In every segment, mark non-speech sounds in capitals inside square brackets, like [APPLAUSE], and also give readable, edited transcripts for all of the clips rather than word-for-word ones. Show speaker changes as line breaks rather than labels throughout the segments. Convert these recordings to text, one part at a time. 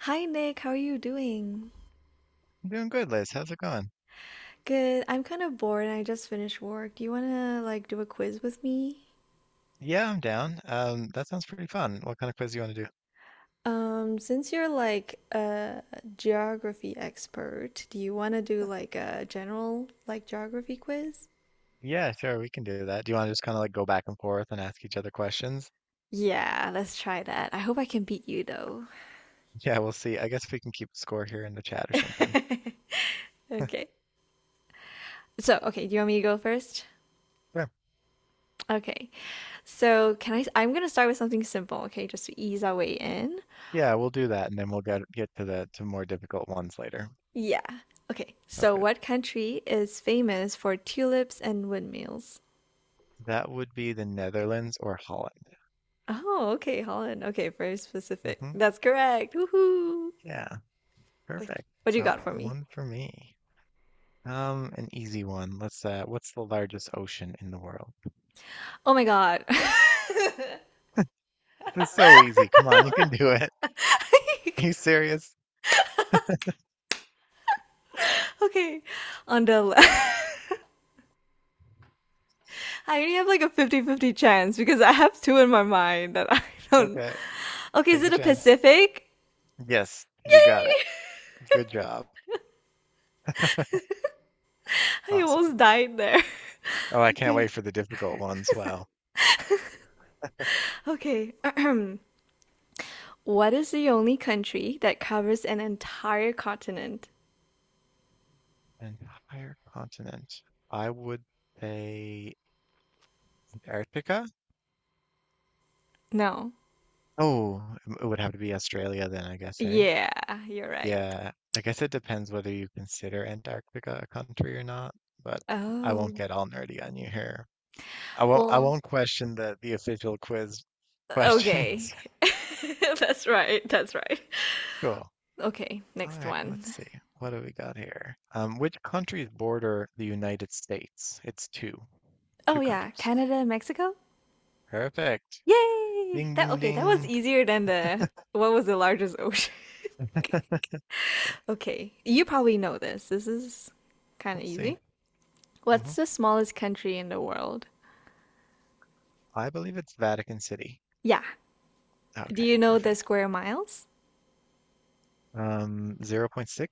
Hi Nick, how are you doing?
I'm doing good, Liz. How's it going?
Good. I'm kind of bored and I just finished work. Do you want to like do a quiz with me?
Yeah, I'm down. That sounds pretty fun. What kind of quiz do you want to do?
Since you're like a geography expert, do you want to do like a general like geography quiz?
Yeah, sure, we can do that. Do you want to just kind of like go back and forth and ask each other questions?
Yeah, let's try that. I hope I can beat you though. [LAUGHS]
Yeah, we'll see. I guess we can keep score here in the chat or something. [LAUGHS]
Okay. So, okay, do you want me to go first?
Sure.
Okay. So, can I I'm going to start with something simple, okay, just to ease our way in.
Yeah, we'll do that, and then we'll get to the to more difficult ones later.
Yeah. Okay.
Sounds
So,
good.
what country is famous for tulips and windmills?
That would be the Netherlands or Holland.
Oh, okay, Holland. Okay, very specific.
Hmm
That's correct. Woohoo.
Yeah,
What
perfect.
what do you
So
got for me?
one for me. An easy one. Let's What's the largest ocean in the world?
Oh my God. [LAUGHS]
This is so easy. Come on, you can do it. [LAUGHS] Are you serious?
Okay. On the left. [LAUGHS] I only have like a 50-50 chance because I have two in my mind that I don't.
Okay,
Okay, is
take a
it a
chance.
Pacific?
Yes, you
Yay!
got it. Good job.
[LAUGHS] I almost
Awesome.
died there.
Oh, I can't
Okay.
wait for the difficult ones. Wow.
Okay. [CLEARS THROAT] What is the only country that covers an entire continent?
An entire continent. I would say Antarctica.
No.
Oh, it would have to be Australia then, I guess, eh?
Yeah, you're right.
Yeah, I guess it depends whether you consider Antarctica a country or not, but I won't
Oh.
get all nerdy on you here. I won't I
Well,
won't question the official quiz
okay.
questions. [LAUGHS]
[LAUGHS] That's right. That's right.
Cool.
Okay,
All
next
right, let's
one.
see. What do we got here? Which countries border the United States? It's two,
Oh
two
yeah,
countries.
Canada and Mexico?
Perfect.
Yay!
Ding,
That
ding,
okay, that was
ding.
easier than the what was the largest ocean? [LAUGHS]
Yeah,
Okay, you probably know this. This is kind of
let's see.
easy.
Hmm
What's the smallest country in the world?
I believe it's Vatican City.
Yeah. Do
Okay,
you know the
perfect.
square miles?
Zero point 0.6.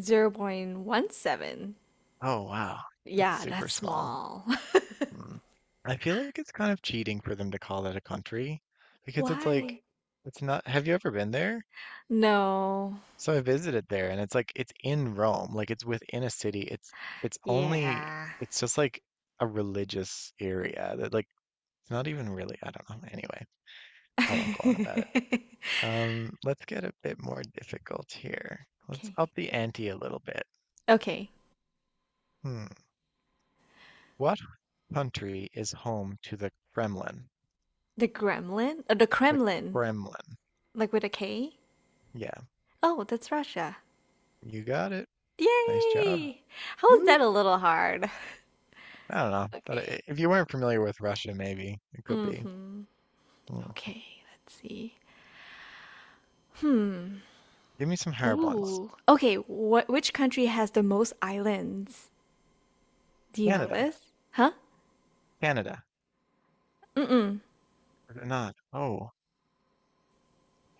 0.17.
Oh, wow. That's
Yeah,
super
that's
small.
small. [LAUGHS]
Hmm. I feel like it's kind of cheating for them to call that a country because it's like,
Why?
it's not. Have you ever been there?
No.
So I visited there and it's like it's in Rome, like it's within a city. It's only,
Yeah.
it's just like a religious area that like it's not even really, I don't know. Anyway,
[LAUGHS]
I won't go on about it.
Okay.
Let's get a bit more difficult here. Let's up the ante a little bit.
Okay.
Hmm. What country is home to the Kremlin?
The Gremlin? The
The
Kremlin.
Kremlin.
Like with a K?
Yeah,
Oh, that's Russia.
you got it. Nice job.
Yay! How is
Woo.
that a little hard?
I don't know.
Okay.
If you weren't familiar with Russia, maybe it could be.
Mm-hmm.
Hmm.
Okay, let's see. Hmm.
Give me some hard ones.
Ooh. Okay, what which country has the most islands? Do you know
Canada,
this? Huh?
Canada,
Mm-mm.
or not. Oh,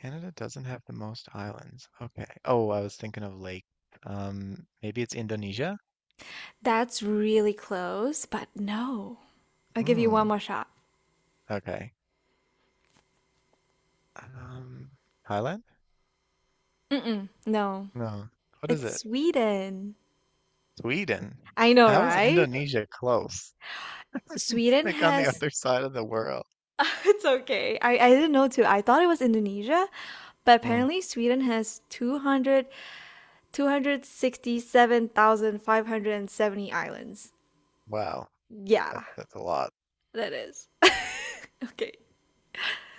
Canada doesn't have the most islands. Okay. Oh, I was thinking of lake. Maybe it's Indonesia?
That's really close, but no. I'll give you
Hmm.
one more shot.
Okay. Um, Thailand?
Mm-mm. No.
No. What is
It's
it?
Sweden.
Sweden.
I know,
How is
right?
Indonesia close? [LAUGHS] It's
Sweden
like on the
has. [LAUGHS]
other side of the world.
It's okay. I didn't know too. I thought it was Indonesia, but
Hmm.
apparently Sweden has 267,570
Wow.
islands. Yeah,
That's a lot.
that is. [LAUGHS] Okay,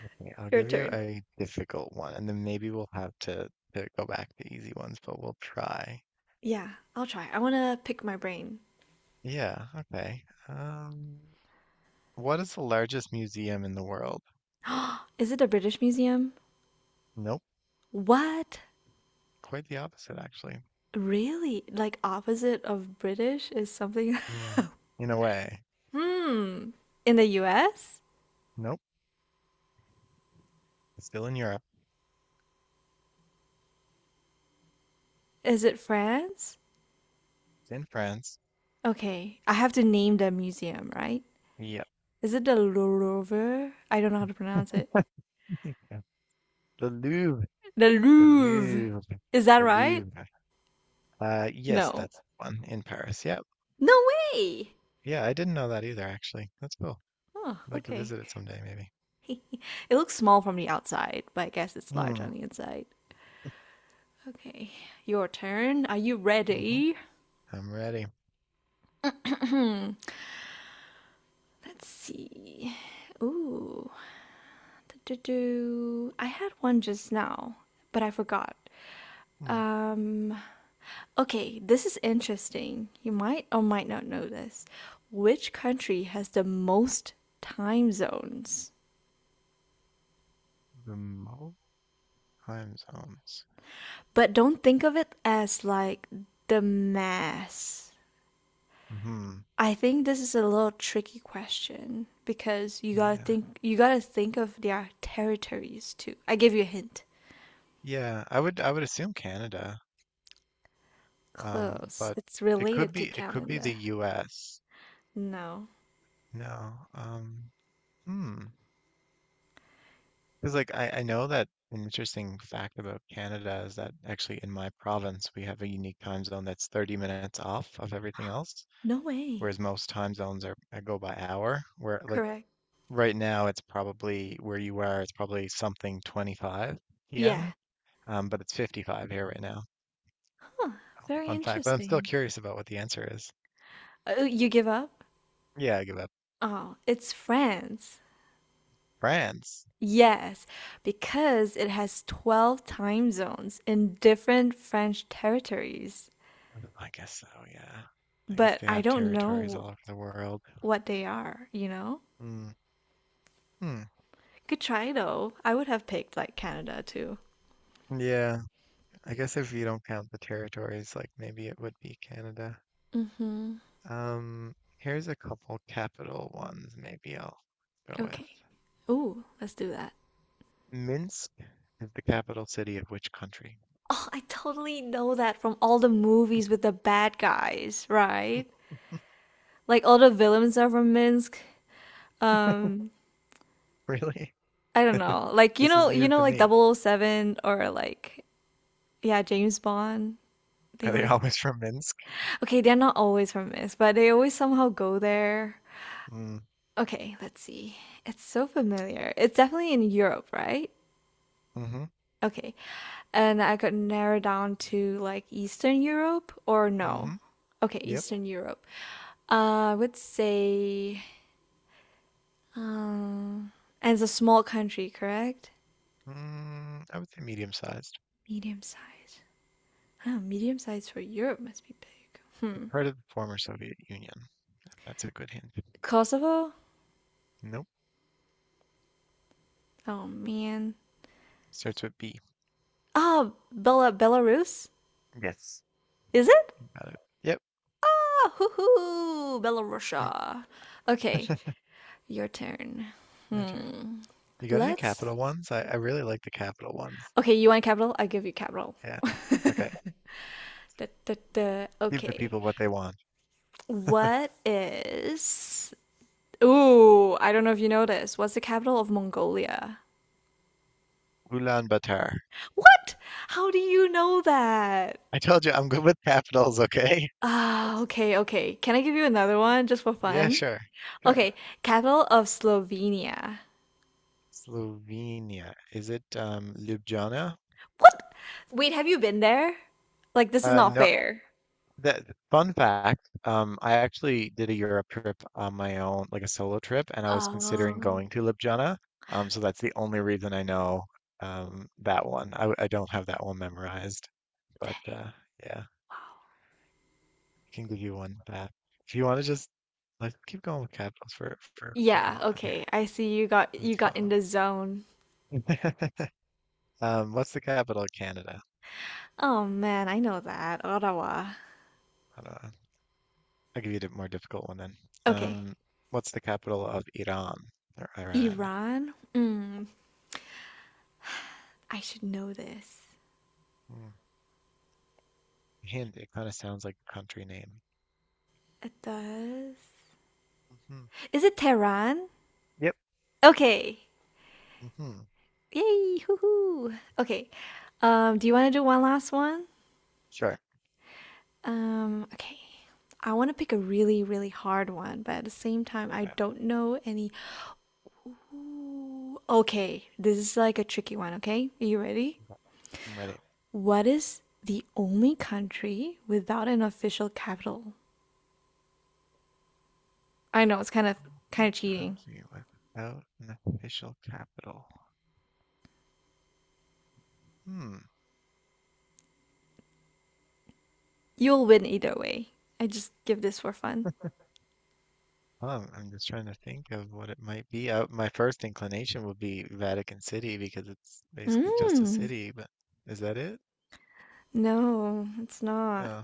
Okay, I'll
your
give you
turn.
a difficult one, and then maybe to go back to easy ones, but we'll try.
Yeah, I'll try. I want to pick my brain.
Yeah, okay. Um, what is the largest museum in the world?
[GASPS] Is it the British Museum?
Nope,
What?
quite the opposite, actually.
Really? Like opposite of British is something.
Hmm, in a way.
[LAUGHS] Hmm. In the US?
Nope, it's still in Europe.
Is it France?
It's in France.
Okay, I have to name the museum, right?
Yep.
Is it the Louvre? I don't know how to pronounce it.
[LAUGHS] The Louvre.
The
The
Louvre.
Louvre.
Is that
The
right?
Louvre. Yes,
No.
that's the one in Paris. Yep.
No way!
Yeah, I didn't know that either, actually. That's cool.
Oh,
I'd like to
okay.
visit it someday, maybe.
[LAUGHS] It looks small from the outside, but I guess it's large on
Hmm.
the inside. Okay, your turn. Are you
Mm-hmm.
ready?
I'm ready.
Let's see. Ooh, I had one just now, but I forgot.
Hmm.
Um, okay, this is interesting. You might or might not know this. Which country has the most time zones?
The most time zones.
But don't think of it as like the mass.
Hmm.
I think this is a little tricky question because
Yeah.
you gotta think of their territories too. I give you a hint.
I would assume Canada.
Close.
But
It's
it could
related to
be it could be the
calendar.
US.
No.
No. Hmm. Because like I know that an interesting fact about Canada is that actually in my province we have a unique time zone that's 30 minutes off of everything else,
No way.
whereas most time zones are go by hour, where like
Correct.
right now it's probably where you are, it's probably something 25
Yeah.
p.m. But it's 55 here right now.
Huh, very
Fun fact, but I'm still
interesting.
curious about what the answer is.
Oh, you give up?
Yeah, I give up.
Oh, it's France.
France.
Yes, because it has 12 time zones in different French territories.
I guess so, yeah. I guess
But
they
I
have
don't
territories
know
all over the world.
what they are, you know?
Mm. Hmm.
Good try though. I would have picked like Canada too.
Yeah, I guess if you don't count the territories, like maybe it would be Canada.
Mm-hmm.
Here's a couple capital ones maybe I'll go with.
Okay. Ooh, let's do that.
Minsk is the capital city of which country?
Oh, I totally know that from all the movies with the bad guys, right?
[LAUGHS]
Like all the villains are from Minsk. Um,
Really?
I don't know. Like
This is news to
like
me.
Double O Seven or like yeah, James Bond. They
Are they
always
always from Minsk?
okay. They're not always from this, but they always somehow go there.
Mm.
Okay, let's see. It's so familiar. It's definitely in Europe, right?
Mm-hmm.
Okay, and I could narrow down to like Eastern Europe or no.
Mm-hmm.
Okay,
Yep.
Eastern Europe. I would say, um, and it's a small country, correct?
Mm, I would say medium-sized.
Medium size. Oh, medium size for Europe must be big. Hmm.
Part of the former Soviet Union. That's a good hint.
Kosovo?
Nope.
Oh man.
Starts with B.
Oh, Belarus?
Yes.
Is it?
Got it. Yep.
Ah, hoo hoo,
[LAUGHS]
Belarusia. Okay, your turn.
My turn.
Hmm.
You got any
Let's.
capital ones? I really like the capital ones.
Okay, you want capital? I give you capital.
Yeah. Okay.
Da, da, da.
Give the
Okay.
people what they want.
What is? Ooh, I don't know if you know this. What's the capital of Mongolia?
Ulaanbaatar.
What? How do you know that?
I told you I'm good with capitals, okay? [LAUGHS]
Ah, okay. Can I give you another one just for
Yeah,
fun?
sure. Sure.
Okay, capital of Slovenia.
Slovenia. Is it Ljubljana?
What? Wait, have you been there? Like, this is not
No,
fair.
That Fun fact, I actually did a Europe trip on my own, like a solo trip, and I was considering
Oh,
going to Ljubljana. So that's the only reason I know that one. I don't have that one memorized, but yeah, I
wow.
can give you one back. If you want to just Let's keep going with capitals for a
Yeah,
moment here.
okay. I see you
It's
got in
fun.
the zone.
[LAUGHS] What's the capital of Canada?
Oh man, I know that. Ottawa.
I don't know. I'll give you a more difficult one then.
Okay.
Um, what's the capital of Iran?
Iran? Mm, I should know this.
Hmm. Hint, it kind of sounds like a country name.
It does.
Hmm
Is it Tehran?
Yep.
Okay.
hmm
Yay, hoo-hoo. Okay. Do you want to do one last one?
Sure.
Okay. I want to pick a really, really hard one, but at the same time, I
Right,
don't know any. Ooh, okay, this is like a tricky one, okay? Are you ready?
I'm ready.
What is the only country without an official capital? I know it's kind of
Only
cheating.
country without an official capital. Hmm.
You'll win either way. I just give this for fun.
I'm just trying to think of what it might be. My first inclination would be Vatican City because it's basically just a
Mm,
city, but is that it?
no, it's not.
Uh,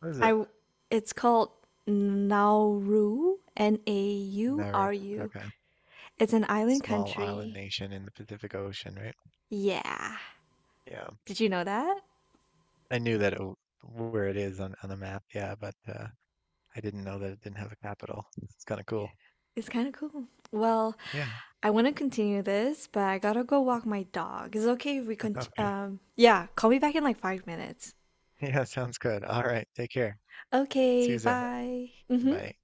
what is
I
it?
w- it's called Nauru,
Nauru.
N-A-U-R-U.
Okay.
It's an island
Small island
country.
nation in the Pacific Ocean, right?
Yeah.
Yeah.
Did you know that?
I knew that it, w- Where it is on the map, yeah, but I didn't know that it didn't have a capital. It's kind of cool.
It's kind of cool. Well,
Yeah.
I want to continue this, but I gotta go walk
[LAUGHS]
my dog. Is it okay if we
Okay.
yeah, call me back in like 5 minutes.
Yeah, sounds good. All right. Take care. See
Okay,
you soon.
bye. Mhm.
Bye.